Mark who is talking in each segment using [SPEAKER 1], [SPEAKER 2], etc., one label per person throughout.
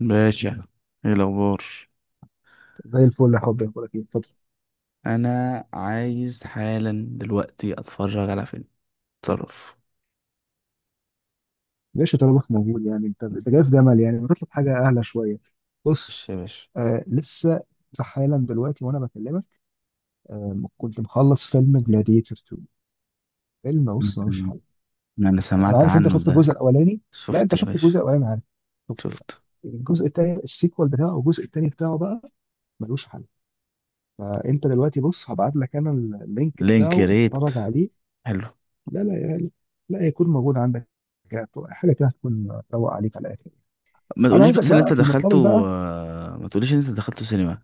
[SPEAKER 1] باشا، ايه الاخبار؟
[SPEAKER 2] زي الفل يا حبيبي، اخبارك ايه؟ اتفضل.
[SPEAKER 1] انا عايز حالا دلوقتي اتفرج على فيلم. اتصرف.
[SPEAKER 2] ليش طلبك موجود؟ يعني انت جاي في جمل، يعني بطلب حاجه اعلى شويه. بص،
[SPEAKER 1] ماشي يا باشا.
[SPEAKER 2] آه لسه. لسه حالا دلوقتي وانا بكلمك. كنت مخلص فيلم جلاديتور 2. فيلم، بص، ملوش
[SPEAKER 1] أمم.
[SPEAKER 2] حل.
[SPEAKER 1] انا
[SPEAKER 2] انا
[SPEAKER 1] سمعت
[SPEAKER 2] عارف انت
[SPEAKER 1] عنه
[SPEAKER 2] شفت
[SPEAKER 1] ده.
[SPEAKER 2] الجزء الاولاني. لا،
[SPEAKER 1] شفت
[SPEAKER 2] انت
[SPEAKER 1] يا
[SPEAKER 2] شفت الجزء
[SPEAKER 1] باشا.
[SPEAKER 2] الاولاني؟ عارف شفته.
[SPEAKER 1] شفت.
[SPEAKER 2] الجزء الثاني، السيكوال بتاعه، والجزء الثاني بتاعه بقى ملوش حل. فانت دلوقتي بص، هبعت لك انا اللينك
[SPEAKER 1] لينك
[SPEAKER 2] بتاعه،
[SPEAKER 1] ريت.
[SPEAKER 2] اتفرج عليه.
[SPEAKER 1] حلو.
[SPEAKER 2] لا لا يعني، لا يكون موجود عندك. حاجه كده هتكون روق عليك على الاخر.
[SPEAKER 1] ما
[SPEAKER 2] انا
[SPEAKER 1] تقوليش
[SPEAKER 2] عايزك
[SPEAKER 1] بس ان انت
[SPEAKER 2] بقى في المقابل
[SPEAKER 1] دخلته.
[SPEAKER 2] بقى.
[SPEAKER 1] ما تقوليش ان انت دخلته سينما.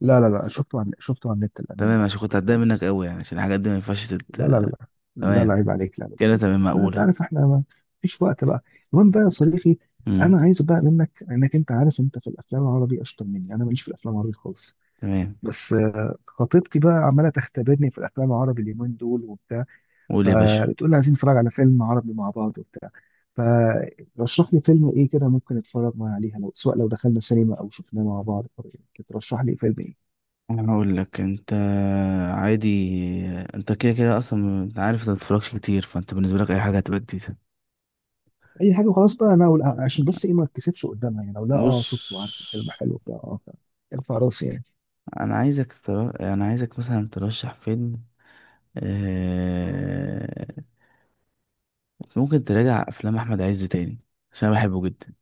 [SPEAKER 2] لا، شفته، عن شفته على النت، الامانه
[SPEAKER 1] تمام،
[SPEAKER 2] ما
[SPEAKER 1] عشان كنت
[SPEAKER 2] خدتوش
[SPEAKER 1] هتضايق منك
[SPEAKER 2] خالص.
[SPEAKER 1] قوي يعني، عشان الحاجات دي ما ينفعش
[SPEAKER 2] لا، لا
[SPEAKER 1] تمام.
[SPEAKER 2] عيب عليك، لا لا
[SPEAKER 1] كده
[SPEAKER 2] لا
[SPEAKER 1] تمام
[SPEAKER 2] لا، انت
[SPEAKER 1] مقولة.
[SPEAKER 2] عارف احنا ما فيش وقت بقى. المهم بقى يا صديقي، انا
[SPEAKER 1] امم.
[SPEAKER 2] عايز بقى منك، انك انت عارف انت في الافلام العربي اشطر مني، انا ماليش في الافلام العربي خالص.
[SPEAKER 1] تمام.
[SPEAKER 2] بس خطيبتي بقى عماله تختبرني في الافلام العربي اليومين دول وبتاع.
[SPEAKER 1] قول يا باشا.
[SPEAKER 2] فبتقول لي عايزين نتفرج على فيلم عربي مع بعض وبتاع. فرشح لي فيلم ايه كده ممكن اتفرج معاه عليها، لو سواء لو دخلنا سينما او شفناه مع بعض. ترشح لي فيلم ايه؟
[SPEAKER 1] انا هقول لك انت. عادي. انت كده كده اصلا، انت عارف انت متتفرجش كتير، فانت بالنسبه لك اي حاجه هتبقى جديده.
[SPEAKER 2] اي حاجه وخلاص بقى. انا أقول- آه، عشان بس ايه ما اتكسفش قدامها، يعني لو لا
[SPEAKER 1] بص.
[SPEAKER 2] اه شفته، عارف الفيلم حلو بتاع، ارفع راسي يعني.
[SPEAKER 1] انا عايزك مثلا ترشح فيلم. آه... ممكن تراجع افلام احمد عز تاني، عشان انا بحبه جدا.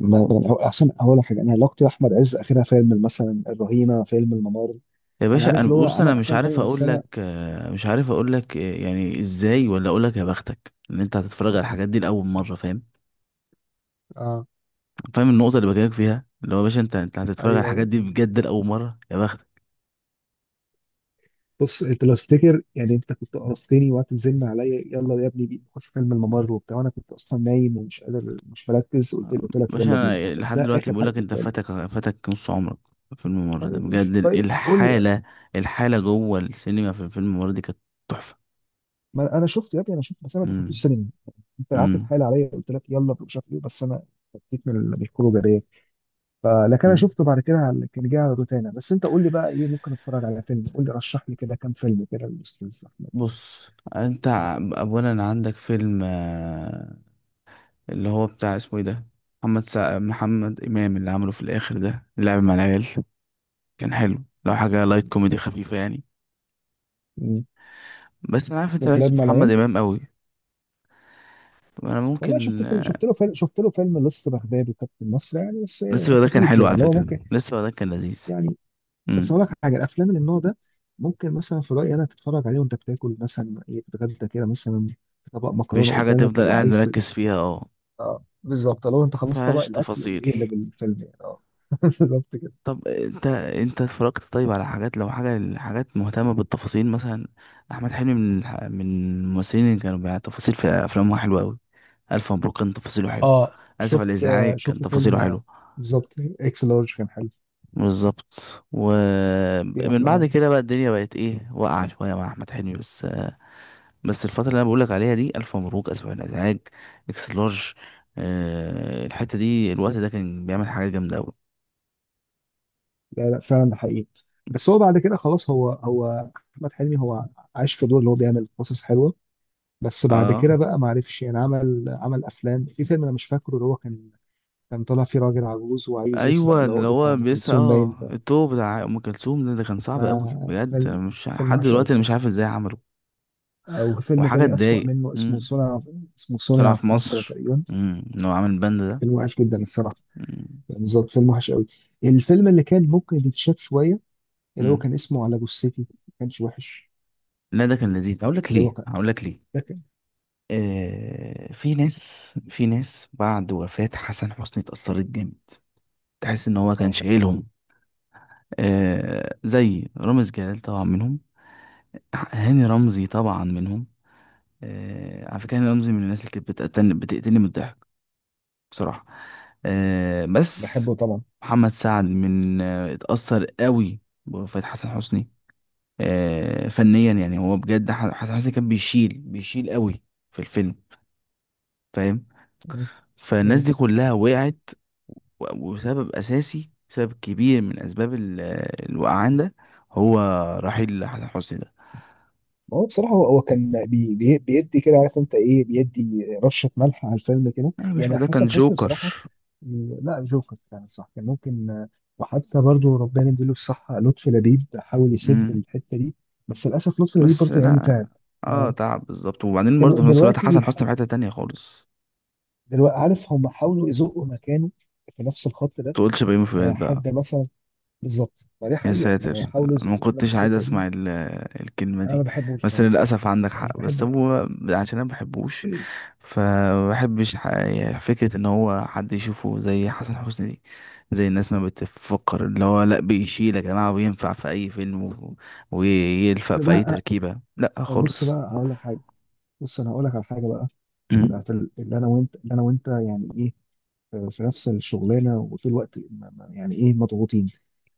[SPEAKER 2] احسن اول حاجه، انا علاقتي باحمد عز اخرها فيلم مثلا الرهينه، فيلم الممر.
[SPEAKER 1] يا
[SPEAKER 2] انا
[SPEAKER 1] باشا
[SPEAKER 2] عارف
[SPEAKER 1] انا
[SPEAKER 2] اللي هو
[SPEAKER 1] بص، انا
[SPEAKER 2] عمل
[SPEAKER 1] مش
[SPEAKER 2] افلام تانيه
[SPEAKER 1] عارف
[SPEAKER 2] بس
[SPEAKER 1] اقول
[SPEAKER 2] انا
[SPEAKER 1] لك، مش عارف اقول لك، يعني ازاي، ولا اقول لك يا بختك ان انت هتتفرج على الحاجات دي لاول مره. فاهم؟
[SPEAKER 2] اه.
[SPEAKER 1] فاهم النقطه اللي بكلمك فيها، اللي هو يا باشا انت هتتفرج على
[SPEAKER 2] ايوه
[SPEAKER 1] الحاجات
[SPEAKER 2] ايوه.
[SPEAKER 1] دي بجد لاول مره. يا بختك.
[SPEAKER 2] بص، انت لو تفتكر يعني، انت كنت قرفتني وقت تزن عليا يلا يا ابني بينا نخش فيلم الممر وبتاع، وانا كنت اصلا نايم ومش قادر، مش مركز، قلت لك
[SPEAKER 1] باشا
[SPEAKER 2] يلا بينا.
[SPEAKER 1] أنا لحد
[SPEAKER 2] ده
[SPEAKER 1] دلوقتي
[SPEAKER 2] اخر
[SPEAKER 1] بقول
[SPEAKER 2] حاجه
[SPEAKER 1] لك انت
[SPEAKER 2] شفتها لي.
[SPEAKER 1] فاتك نص عمرك في الفيلم الممر ده،
[SPEAKER 2] طيب
[SPEAKER 1] بجد
[SPEAKER 2] ماشي، طيب قول لي.
[SPEAKER 1] الحاله. الحاله جوه السينما في الفيلم الممر دي كانت تحفه.
[SPEAKER 2] ما انا شفت يا ابني، انا شفت بس انا ما دخلتوش
[SPEAKER 1] امم.
[SPEAKER 2] السينما. انت قعدت
[SPEAKER 1] امم.
[SPEAKER 2] تحايل عليا، قلت لك يلا مش عارف ايه بس انا فكيت من الخروجه ديت. فلكن انا
[SPEAKER 1] امم.
[SPEAKER 2] شفته بعد كده كان جاي على روتانا. بس انت قول لي بقى ايه ممكن اتفرج على فيلم، قول لي رشح لي كده كام فيلم كده الاستاذ احمد بس.
[SPEAKER 1] بص. انت اولا عندك فيلم، اللي هو بتاع اسمه ايه ده، محمد امام اللي عمله في الاخر ده، اللعب مع العيال. كان حلو، لو حاجه لايت كوميدي خفيفه يعني.
[SPEAKER 2] مم.
[SPEAKER 1] بس انا عارف
[SPEAKER 2] بسم
[SPEAKER 1] انت
[SPEAKER 2] الله
[SPEAKER 1] مالكش
[SPEAKER 2] الرحمن
[SPEAKER 1] في محمد
[SPEAKER 2] الرحيم.
[SPEAKER 1] امام قوي. انا
[SPEAKER 2] والله شفت
[SPEAKER 1] ممكن.
[SPEAKER 2] فيلم، شفت له فيلم لص بغداد وكابتن مصر يعني. بس
[SPEAKER 1] لسه
[SPEAKER 2] إيه،
[SPEAKER 1] ده كان
[SPEAKER 2] خفيف
[SPEAKER 1] حلو
[SPEAKER 2] يعني،
[SPEAKER 1] على
[SPEAKER 2] اللي هو
[SPEAKER 1] فكره،
[SPEAKER 2] ممكن
[SPEAKER 1] لسه ده كان لذيذ.
[SPEAKER 2] يعني. بس اقول لك حاجه، الافلام اللي من النوع ده ممكن مثلا في رايي انا تتفرج عليه وانت بتاكل مثلا، ايه، بتتغدى كده مثلا، طبق
[SPEAKER 1] مفيش
[SPEAKER 2] مكرونه
[SPEAKER 1] حاجة
[SPEAKER 2] قدامك
[SPEAKER 1] تفضل قاعد
[SPEAKER 2] وعايز.
[SPEAKER 1] مركز فيها، اه.
[SPEAKER 2] اه بالظبط، لو انت خلصت طبق
[SPEAKER 1] مفيهاش
[SPEAKER 2] الاكل
[SPEAKER 1] تفاصيل.
[SPEAKER 2] اقلب الفيلم يعني، اه. بالظبط كده.
[SPEAKER 1] طب انت، انت اتفرجت طيب على حاجات، لو حاجة، حاجات مهتمة بالتفاصيل مثلا. احمد حلمي من من الممثلين اللي كانوا بيع تفاصيل في افلامه حلوة اوي. الف مبروك كان تفاصيله حلو.
[SPEAKER 2] اه
[SPEAKER 1] اسف على
[SPEAKER 2] شفت آه،
[SPEAKER 1] الازعاج كان
[SPEAKER 2] شفت فيلم
[SPEAKER 1] تفاصيله
[SPEAKER 2] آه،
[SPEAKER 1] حلو.
[SPEAKER 2] بالظبط. اكس لارج كان حلو.
[SPEAKER 1] بالظبط.
[SPEAKER 2] في
[SPEAKER 1] ومن بعد
[SPEAKER 2] افلام.
[SPEAKER 1] كده بقى الدنيا بقت ايه، واقعة شوية مع احمد حلمي بس. بس الفترة اللي انا بقولك عليها دي، الف مبروك، اسف على الازعاج، اكس لارج، الحتة دي، الوقت ده، كان بيعمل حاجة جامدة أوي.
[SPEAKER 2] لا لا فعلا، ده حقيقي. بس هو بعد كده خلاص، هو احمد حلمي، هو عايش في دور اللي هو بيعمل قصص حلوه. بس بعد كده
[SPEAKER 1] اه.
[SPEAKER 2] بقى ما عرفش يعني، عمل افلام، في فيلم انا مش فاكره اللي هو كان، كان طالع فيه راجل عجوز وعايز يسرق
[SPEAKER 1] ايوه، اللي
[SPEAKER 2] العقد بتاع
[SPEAKER 1] هو
[SPEAKER 2] ام
[SPEAKER 1] بيسأل
[SPEAKER 2] كلثوم باين.
[SPEAKER 1] اه الطوب بتاع ام كلثوم ده، ده كان صعب قوي
[SPEAKER 2] فما
[SPEAKER 1] بجد. أنا
[SPEAKER 2] فيلم
[SPEAKER 1] مش
[SPEAKER 2] فيلم
[SPEAKER 1] لحد
[SPEAKER 2] وحش قوي
[SPEAKER 1] دلوقتي، انا مش عارف
[SPEAKER 2] الصراحه.
[SPEAKER 1] ازاي عمله.
[SPEAKER 2] وفيلم
[SPEAKER 1] وحاجه
[SPEAKER 2] تاني أسوأ
[SPEAKER 1] تضايق.
[SPEAKER 2] منه، اسمه
[SPEAKER 1] امم.
[SPEAKER 2] صنع، اسمه
[SPEAKER 1] طلع
[SPEAKER 2] صنع
[SPEAKER 1] في
[SPEAKER 2] في مصر
[SPEAKER 1] مصر.
[SPEAKER 2] تقريبا.
[SPEAKER 1] امم. ان هو عامل البند ده.
[SPEAKER 2] فيلم وحش جدا الصراحة،
[SPEAKER 1] امم.
[SPEAKER 2] يعني بالظبط فيلم وحش قوي. الفيلم اللي كان ممكن يتشاف شوية، اللي هو
[SPEAKER 1] أمم.
[SPEAKER 2] كان اسمه على جثتي، ما كانش وحش.
[SPEAKER 1] لا ده كان لذيذ، هقول لك
[SPEAKER 2] اللي هو
[SPEAKER 1] ليه،
[SPEAKER 2] كان،
[SPEAKER 1] هقول لك ليه.
[SPEAKER 2] ده كان.
[SPEAKER 1] آه، في ناس بعد وفاة حسن حسني اتأثرت جامد. تحس ان هو كان
[SPEAKER 2] اه
[SPEAKER 1] شايلهم. آه، زي رامز جلال طبعا منهم، هاني رمزي طبعا منهم. على فكرة أنا رمزي من الناس اللي كانت بتقتلني من الضحك بصراحة. بس
[SPEAKER 2] بحبه طبعا.
[SPEAKER 1] محمد سعد من، اتأثر قوي بوفاة حسن حسني. فنيا يعني هو بجد، حسن حسني كان بيشيل قوي في الفيلم. فاهم؟
[SPEAKER 2] مم.
[SPEAKER 1] فالناس
[SPEAKER 2] مم.
[SPEAKER 1] دي كلها وقعت. وسبب أساسي، سبب كبير من أسباب الوقعان ده هو رحيل حسن حسني ده.
[SPEAKER 2] هو بصراحة، هو كان بيدي كده، عارف انت ايه، بيدي رشة ملح على الفيلم كده،
[SPEAKER 1] أنا مش،
[SPEAKER 2] يعني
[SPEAKER 1] ده كان
[SPEAKER 2] حسن حسني
[SPEAKER 1] جوكر.
[SPEAKER 2] بصراحة. لا جوكر يعني، صح، كان ممكن. وحتى برضو ربنا يديله الصحة لطفي لبيب حاول يسد الحتة دي، بس للأسف لطفي لبيب
[SPEAKER 1] بس
[SPEAKER 2] برضو يعني
[SPEAKER 1] لا،
[SPEAKER 2] تعب.
[SPEAKER 1] اه
[SPEAKER 2] آه،
[SPEAKER 1] تعب بالظبط. وبعدين
[SPEAKER 2] دلو-
[SPEAKER 1] برضه في نفس الوقت
[SPEAKER 2] دلوقتي
[SPEAKER 1] حسن
[SPEAKER 2] بيح...
[SPEAKER 1] حسني في حتة تانية خالص.
[SPEAKER 2] دلوقتي عارف هم حاولوا يزقوا مكانه في نفس الخط ده.
[SPEAKER 1] تقولش بيومي فؤاد بقى.
[SPEAKER 2] حد مثلا. بالظبط، ما دي
[SPEAKER 1] يا
[SPEAKER 2] حقيقة، ما
[SPEAKER 1] ساتر.
[SPEAKER 2] هو حاولوا
[SPEAKER 1] انا ما
[SPEAKER 2] يزقوه في نفس
[SPEAKER 1] كنتش عايز
[SPEAKER 2] السكة دي.
[SPEAKER 1] اسمع الكلمة
[SPEAKER 2] أنا ما
[SPEAKER 1] دي.
[SPEAKER 2] بحبوش
[SPEAKER 1] بس
[SPEAKER 2] بالمناسبة يعني،
[SPEAKER 1] للأسف عندك
[SPEAKER 2] أنا مش
[SPEAKER 1] حق، بس
[SPEAKER 2] بحبه.
[SPEAKER 1] هو عشان انا ما بحبوش. فكرة ان هو حد يشوفه زي حسن حسني دي، زي الناس ما بتفكر، اللي هو لا بيشيل يا جماعة وينفع في اي فيلم ويلفق في اي
[SPEAKER 2] بقى،
[SPEAKER 1] تركيبة، لا
[SPEAKER 2] بص
[SPEAKER 1] خالص.
[SPEAKER 2] بقى هقول لك حاجة. بص أنا هقول لك على حاجة بقى. بتاعت اللي أنا وأنت، يعني إيه، في نفس الشغلانه وطول الوقت يعني ايه، مضغوطين.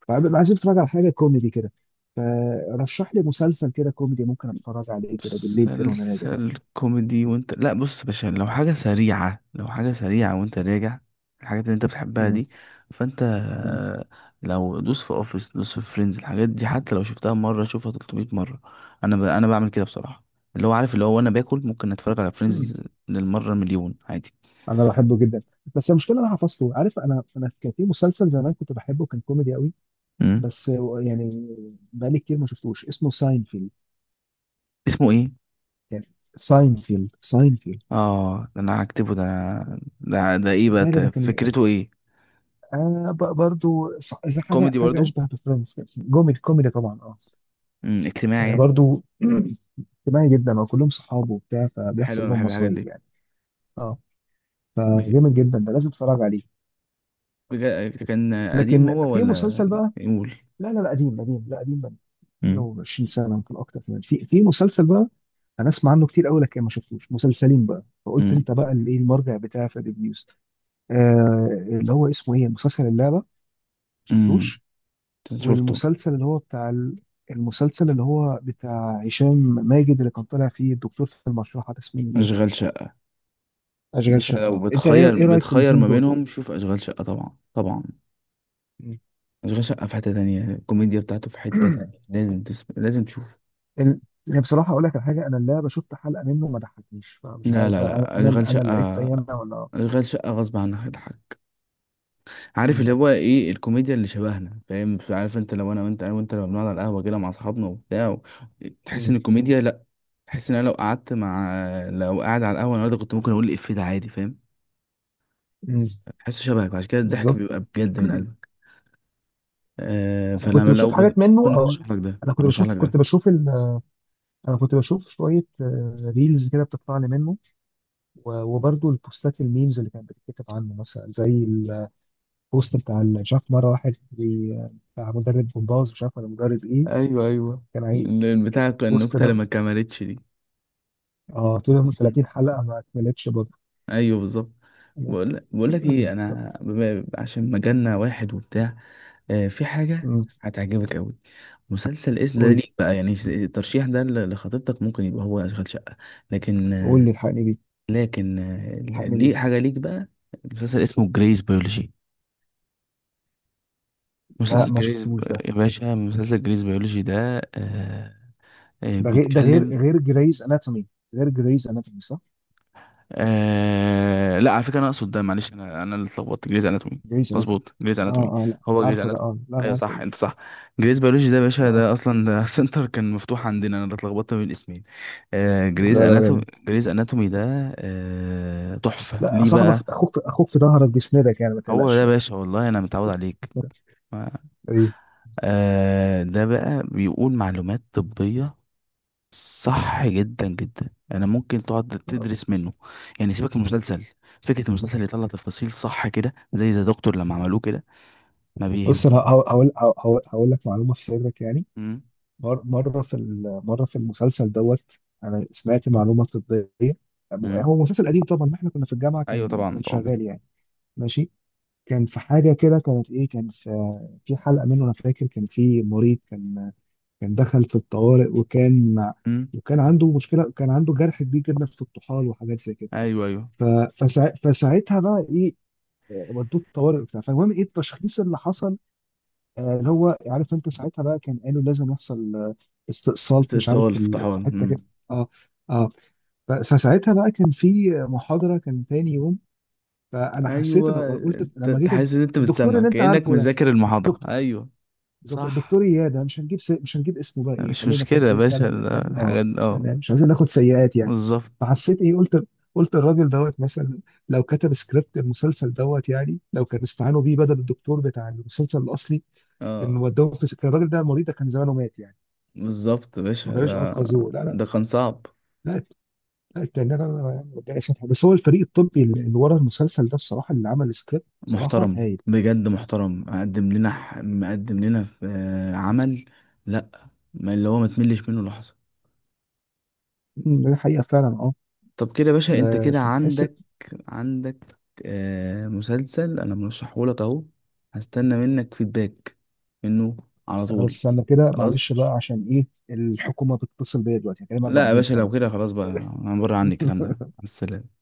[SPEAKER 2] فببقى عايزين اتفرج على حاجه كوميدي كده، فرشح لي مسلسل كده كوميدي ممكن اتفرج عليه كده بالليل كده وانا راجع.
[SPEAKER 1] مسلسل كوميدي وانت، لا بص يا باشا، لو حاجة سريعة، لو حاجة سريعة وانت راجع، الحاجات اللي انت بتحبها
[SPEAKER 2] مم.
[SPEAKER 1] دي. فانت لو دوس في اوفيس، دوس في فريندز، الحاجات دي حتى لو شفتها مرة شوفها 300 مرة. انا بعمل كده بصراحة. اللي هو، عارف اللي هو، وانا باكل ممكن اتفرج على
[SPEAKER 2] مم.
[SPEAKER 1] فريندز للمرة مليون عادي.
[SPEAKER 2] انا بحبه جدا، بس المشكله انا حفظته، عارف؟ انا كان في مسلسل زمان كنت بحبه، كان كوميدي قوي.
[SPEAKER 1] امم.
[SPEAKER 2] بس هو يعني بقالي كتير ما شفتوش، اسمه ساينفيلد.
[SPEAKER 1] اسمه ايه؟
[SPEAKER 2] كان، ساينفيلد، ساينفيلد.
[SPEAKER 1] اه ده انا هكتبه ده. ده ايه بقى
[SPEAKER 2] ده اللي ده كان
[SPEAKER 1] فكرته ايه؟
[SPEAKER 2] حاجه،
[SPEAKER 1] كوميدي
[SPEAKER 2] حاجه
[SPEAKER 1] برضو.
[SPEAKER 2] اشبه بفريندز كده. جوميدي، كوميدي طبعا اه.
[SPEAKER 1] امم. اجتماعي
[SPEAKER 2] يعني
[SPEAKER 1] يعني.
[SPEAKER 2] برضو اجتماعي جدا وكلهم صحابه وبتاع،
[SPEAKER 1] حلو،
[SPEAKER 2] فبيحصل
[SPEAKER 1] انا
[SPEAKER 2] لهم
[SPEAKER 1] بحب الحاجات
[SPEAKER 2] مصايب
[SPEAKER 1] دي.
[SPEAKER 2] يعني. اه، فجامد جدا، ده لازم تتفرج عليه.
[SPEAKER 1] كان قديم
[SPEAKER 2] لكن
[SPEAKER 1] هو
[SPEAKER 2] في
[SPEAKER 1] ولا؟
[SPEAKER 2] مسلسل بقى.
[SPEAKER 1] يقول.
[SPEAKER 2] لا، قديم قديم، لا قديم بقى.
[SPEAKER 1] مم.
[SPEAKER 2] حاجه و20 سنه يمكن اكتر كمان. في مسلسل بقى انا اسمع عنه كتير قوي لكن ما شفتوش، مسلسلين بقى، فقلت
[SPEAKER 1] امم.
[SPEAKER 2] انت بقى اللي ايه المرجع بتاعي في الريفيوز. آه، اللي هو اسمه ايه، مسلسل اللعبه ما
[SPEAKER 1] امم.
[SPEAKER 2] شفتوش.
[SPEAKER 1] شفته.
[SPEAKER 2] والمسلسل اللي هو بتاع المسلسل اللي هو بتاع هشام ماجد، اللي كان طالع فيه الدكتور في المشرحه ده، اسمه ايه؟
[SPEAKER 1] اشغال شقة.
[SPEAKER 2] اشغال
[SPEAKER 1] مش لو
[SPEAKER 2] شقه. انت ايه، إيه
[SPEAKER 1] بتخير،
[SPEAKER 2] رايك في
[SPEAKER 1] بتخير
[SPEAKER 2] الاثنين
[SPEAKER 1] ما
[SPEAKER 2] دول؟
[SPEAKER 1] بينهم، شوف اشغال شقة طبعا طبعا.
[SPEAKER 2] مم.
[SPEAKER 1] اشغال شقة في حتة تانية، الكوميديا بتاعته في حتة تانية، لازم لازم تشوف.
[SPEAKER 2] ال- يعني بصراحه اقول لك على حاجه، انا اللعبه شفت حلقه منه ما ضحكنيش، فمش
[SPEAKER 1] لا
[SPEAKER 2] عارف
[SPEAKER 1] لا
[SPEAKER 2] بقى، انا
[SPEAKER 1] لا، اشغال
[SPEAKER 2] انا انا اللي عيب
[SPEAKER 1] شقة،
[SPEAKER 2] فيا انا، ولا.
[SPEAKER 1] اشغال شقة غصب عنك هتضحك. عارف
[SPEAKER 2] مم.
[SPEAKER 1] اللي هو ايه الكوميديا اللي شبهنا؟ فاهم؟ عارف انت، لو انا وانت لو بنقعد على القهوة كده مع اصحابنا وبتاع تحس ان
[SPEAKER 2] مم.
[SPEAKER 1] الكوميديا، بحس ان انا لو قعدت مع، لو قاعد على القهوه النهارده كنت ممكن اقول الإفيه ده عادي. فاهم؟
[SPEAKER 2] مم.
[SPEAKER 1] بحسه شبهك، وعشان كده الضحك
[SPEAKER 2] بالظبط.
[SPEAKER 1] بيبقى بجد من قلبك. آه،
[SPEAKER 2] انا كنت
[SPEAKER 1] فانا لو
[SPEAKER 2] بشوف حاجات منه،
[SPEAKER 1] ممكن
[SPEAKER 2] او
[SPEAKER 1] ارشح لك ده،
[SPEAKER 2] انا كنت
[SPEAKER 1] ارشح
[SPEAKER 2] بشوف
[SPEAKER 1] لك
[SPEAKER 2] كنت
[SPEAKER 1] ده.
[SPEAKER 2] بشوف ال... انا كنت بشوف شويه ريلز كده بتطلع لي منه، و- وبرضه البوستات، الميمز اللي كانت بتتكتب عنه، مثلا زي البوست بتاع مش عارف مره واحد بتاع مدرب جمباز، مش عارف ولا مدرب ايه،
[SPEAKER 1] ايوه ايوه.
[SPEAKER 2] كان عايز.
[SPEAKER 1] بتاع
[SPEAKER 2] بوست
[SPEAKER 1] النكته اللي
[SPEAKER 2] ده،
[SPEAKER 1] ما كملتش دي.
[SPEAKER 2] اه، طول من
[SPEAKER 1] مم.
[SPEAKER 2] 30 حلقه ما كملتش برضه.
[SPEAKER 1] ايوه بالظبط. بقول لك
[SPEAKER 2] مم.
[SPEAKER 1] ايه، انا عشان مجالنا واحد وبتاع. آه، في حاجه
[SPEAKER 2] مم.
[SPEAKER 1] هتعجبك قوي. مسلسل اسم ده
[SPEAKER 2] قول لي،
[SPEAKER 1] ليك بقى، يعني الترشيح ده لخطيبتك ممكن يبقى هو اشغال شقه. لكن.
[SPEAKER 2] قول لي الحقني بيه،
[SPEAKER 1] لكن
[SPEAKER 2] الحقني
[SPEAKER 1] ليه
[SPEAKER 2] بيه.
[SPEAKER 1] حاجة ليك بقى. مسلسل اسمه جريز بيولوجي.
[SPEAKER 2] لا
[SPEAKER 1] مسلسل
[SPEAKER 2] ما
[SPEAKER 1] جريز.
[SPEAKER 2] شفتوش ده.
[SPEAKER 1] يا باشا مسلسل جريز بيولوجي ده آه، آه
[SPEAKER 2] ده غير، ده
[SPEAKER 1] بيتكلم.
[SPEAKER 2] غير غير جريز اناتومي، غير جريز اناتومي صح؟
[SPEAKER 1] آه لا، على فكرة أنا أقصد ده. معلش، أنا اللي اتلخبطت. جريز أناتومي.
[SPEAKER 2] جريز اناتومي
[SPEAKER 1] مظبوط، جريز
[SPEAKER 2] اه.
[SPEAKER 1] أناتومي.
[SPEAKER 2] اه لا
[SPEAKER 1] هو جريز
[SPEAKER 2] عارفه ده،
[SPEAKER 1] أناتومي.
[SPEAKER 2] اه لا انا
[SPEAKER 1] أيوه
[SPEAKER 2] عارفه
[SPEAKER 1] صح،
[SPEAKER 2] ده.
[SPEAKER 1] أنت صح. جريز بيولوجي ده يا باشا،
[SPEAKER 2] اه،
[SPEAKER 1] ده أصلا ده سنتر كان مفتوح عندنا، أنا اللي اتلخبطت بين الاسمين. آه،
[SPEAKER 2] لا
[SPEAKER 1] جريز
[SPEAKER 2] لا
[SPEAKER 1] أناتومي.
[SPEAKER 2] جامد.
[SPEAKER 1] جريز أناتومي ده آه، تحفة.
[SPEAKER 2] لا
[SPEAKER 1] ليه
[SPEAKER 2] صاحبك
[SPEAKER 1] بقى؟
[SPEAKER 2] اخوك، في اخوك في ظهرك بيسندك يعني، ما
[SPEAKER 1] هو ده
[SPEAKER 2] تقلقش
[SPEAKER 1] يا
[SPEAKER 2] يعني.
[SPEAKER 1] باشا، والله أنا متعود عليك.
[SPEAKER 2] ايه.
[SPEAKER 1] آه، ده بقى بيقول معلومات طبية صح جدا جدا. انا ممكن تقعد تدرس منه، يعني سيبك من المسلسل. فكرة المسلسل يطلع تفاصيل صح كده، زي ذا دكتور لما عملوه كده. ما بيهم.
[SPEAKER 2] بص انا هقول لك معلومه في سرك يعني.
[SPEAKER 1] مم.
[SPEAKER 2] مره في المسلسل دوت، انا سمعت معلومه طبيه.
[SPEAKER 1] مم.
[SPEAKER 2] هو مسلسل قديم طبعا، ما احنا كنا في الجامعه،
[SPEAKER 1] ايوه
[SPEAKER 2] كان
[SPEAKER 1] طبعا
[SPEAKER 2] كان
[SPEAKER 1] طبعا.
[SPEAKER 2] شغال يعني. ماشي. كان في حاجة كده، كانت إيه، كان في في حلقة منه، أنا فاكر كان في مريض، كان دخل في الطوارئ، وكان
[SPEAKER 1] مم.
[SPEAKER 2] وكان عنده مشكلة، كان عنده جرح كبير جدا في الطحال وحاجات زي كده.
[SPEAKER 1] ايوه ايوه.
[SPEAKER 2] ف- فساعتها بقى إيه، ودوه الطوارئ وبتاع، فالمهم إيه التشخيص اللي حصل. اللي هو عارف أنت ساعتها بقى كان قالوا لازم يحصل استئصال مش عارف
[SPEAKER 1] استئصال
[SPEAKER 2] في
[SPEAKER 1] افتحان.
[SPEAKER 2] في حتة كده.
[SPEAKER 1] مم.
[SPEAKER 2] أه. أه. فساعتها بقى كان في محاضرة كان تاني يوم، فأنا حسيت، أنا
[SPEAKER 1] ايوه.
[SPEAKER 2] قلت
[SPEAKER 1] انت
[SPEAKER 2] لما
[SPEAKER 1] أنت
[SPEAKER 2] جيت
[SPEAKER 1] حاسس ان انت
[SPEAKER 2] الدكتور
[SPEAKER 1] بتسمع
[SPEAKER 2] اللي أنت
[SPEAKER 1] كأنك
[SPEAKER 2] عارفه ده،
[SPEAKER 1] مذاكر المحاضرة.
[SPEAKER 2] دكتور
[SPEAKER 1] ايوه.
[SPEAKER 2] بالظبط،
[SPEAKER 1] صح.
[SPEAKER 2] الدكتور اياد. أنا مش مش هنجيب اسمه بقى، ايه
[SPEAKER 1] مش
[SPEAKER 2] خلينا كده،
[SPEAKER 1] مشكلة يا
[SPEAKER 2] ايه
[SPEAKER 1] باشا
[SPEAKER 2] فعلا فعلا اه.
[SPEAKER 1] الحاجات دي اه.
[SPEAKER 2] يعني مش عايزين ناخد سيئات يعني.
[SPEAKER 1] بالظبط.
[SPEAKER 2] فحسيت ايه، قلت، قلت الراجل دوت مثلا لو كتب سكريبت المسلسل دوت يعني، لو كان استعانوا بيه بدل الدكتور بتاع المسلسل الاصلي، كان
[SPEAKER 1] اه
[SPEAKER 2] ودوه في، كان الراجل ده، المريض ده كان زمانه مات يعني،
[SPEAKER 1] بالظبط يا
[SPEAKER 2] ما
[SPEAKER 1] باشا،
[SPEAKER 2] كانوش
[SPEAKER 1] ده
[SPEAKER 2] انقذوه. لا لا.
[SPEAKER 1] ده كان صعب.
[SPEAKER 2] لا لا التاني ده أنا ربنا يسامحه، بس هو الفريق الطبي اللي ورا المسلسل ده بصراحه، اللي عمل السكريبت بصراحه
[SPEAKER 1] محترم
[SPEAKER 2] هايل.
[SPEAKER 1] بجد، محترم، مقدم لنا في عمل. لا، ما اللي هو ما تملش منه لحظة.
[SPEAKER 2] أمم، ده حقيقه فعلا اه.
[SPEAKER 1] طب كده يا باشا، انت
[SPEAKER 2] لا،
[SPEAKER 1] كده
[SPEAKER 2] فبتحس.
[SPEAKER 1] عندك، عندك آه مسلسل انا مرشحه لك اهو. هستنى منك فيدباك منه على
[SPEAKER 2] استنى بس،
[SPEAKER 1] طول.
[SPEAKER 2] استنى كده
[SPEAKER 1] خلاص.
[SPEAKER 2] معلش بقى، عشان ايه، الحكومة بتتصل بيا دلوقتي، هكلمك
[SPEAKER 1] لا يا
[SPEAKER 2] بعدين
[SPEAKER 1] باشا،
[SPEAKER 2] يلا.
[SPEAKER 1] لو كده خلاص بقى. انا بره، عني الكلام ده. على السلامة.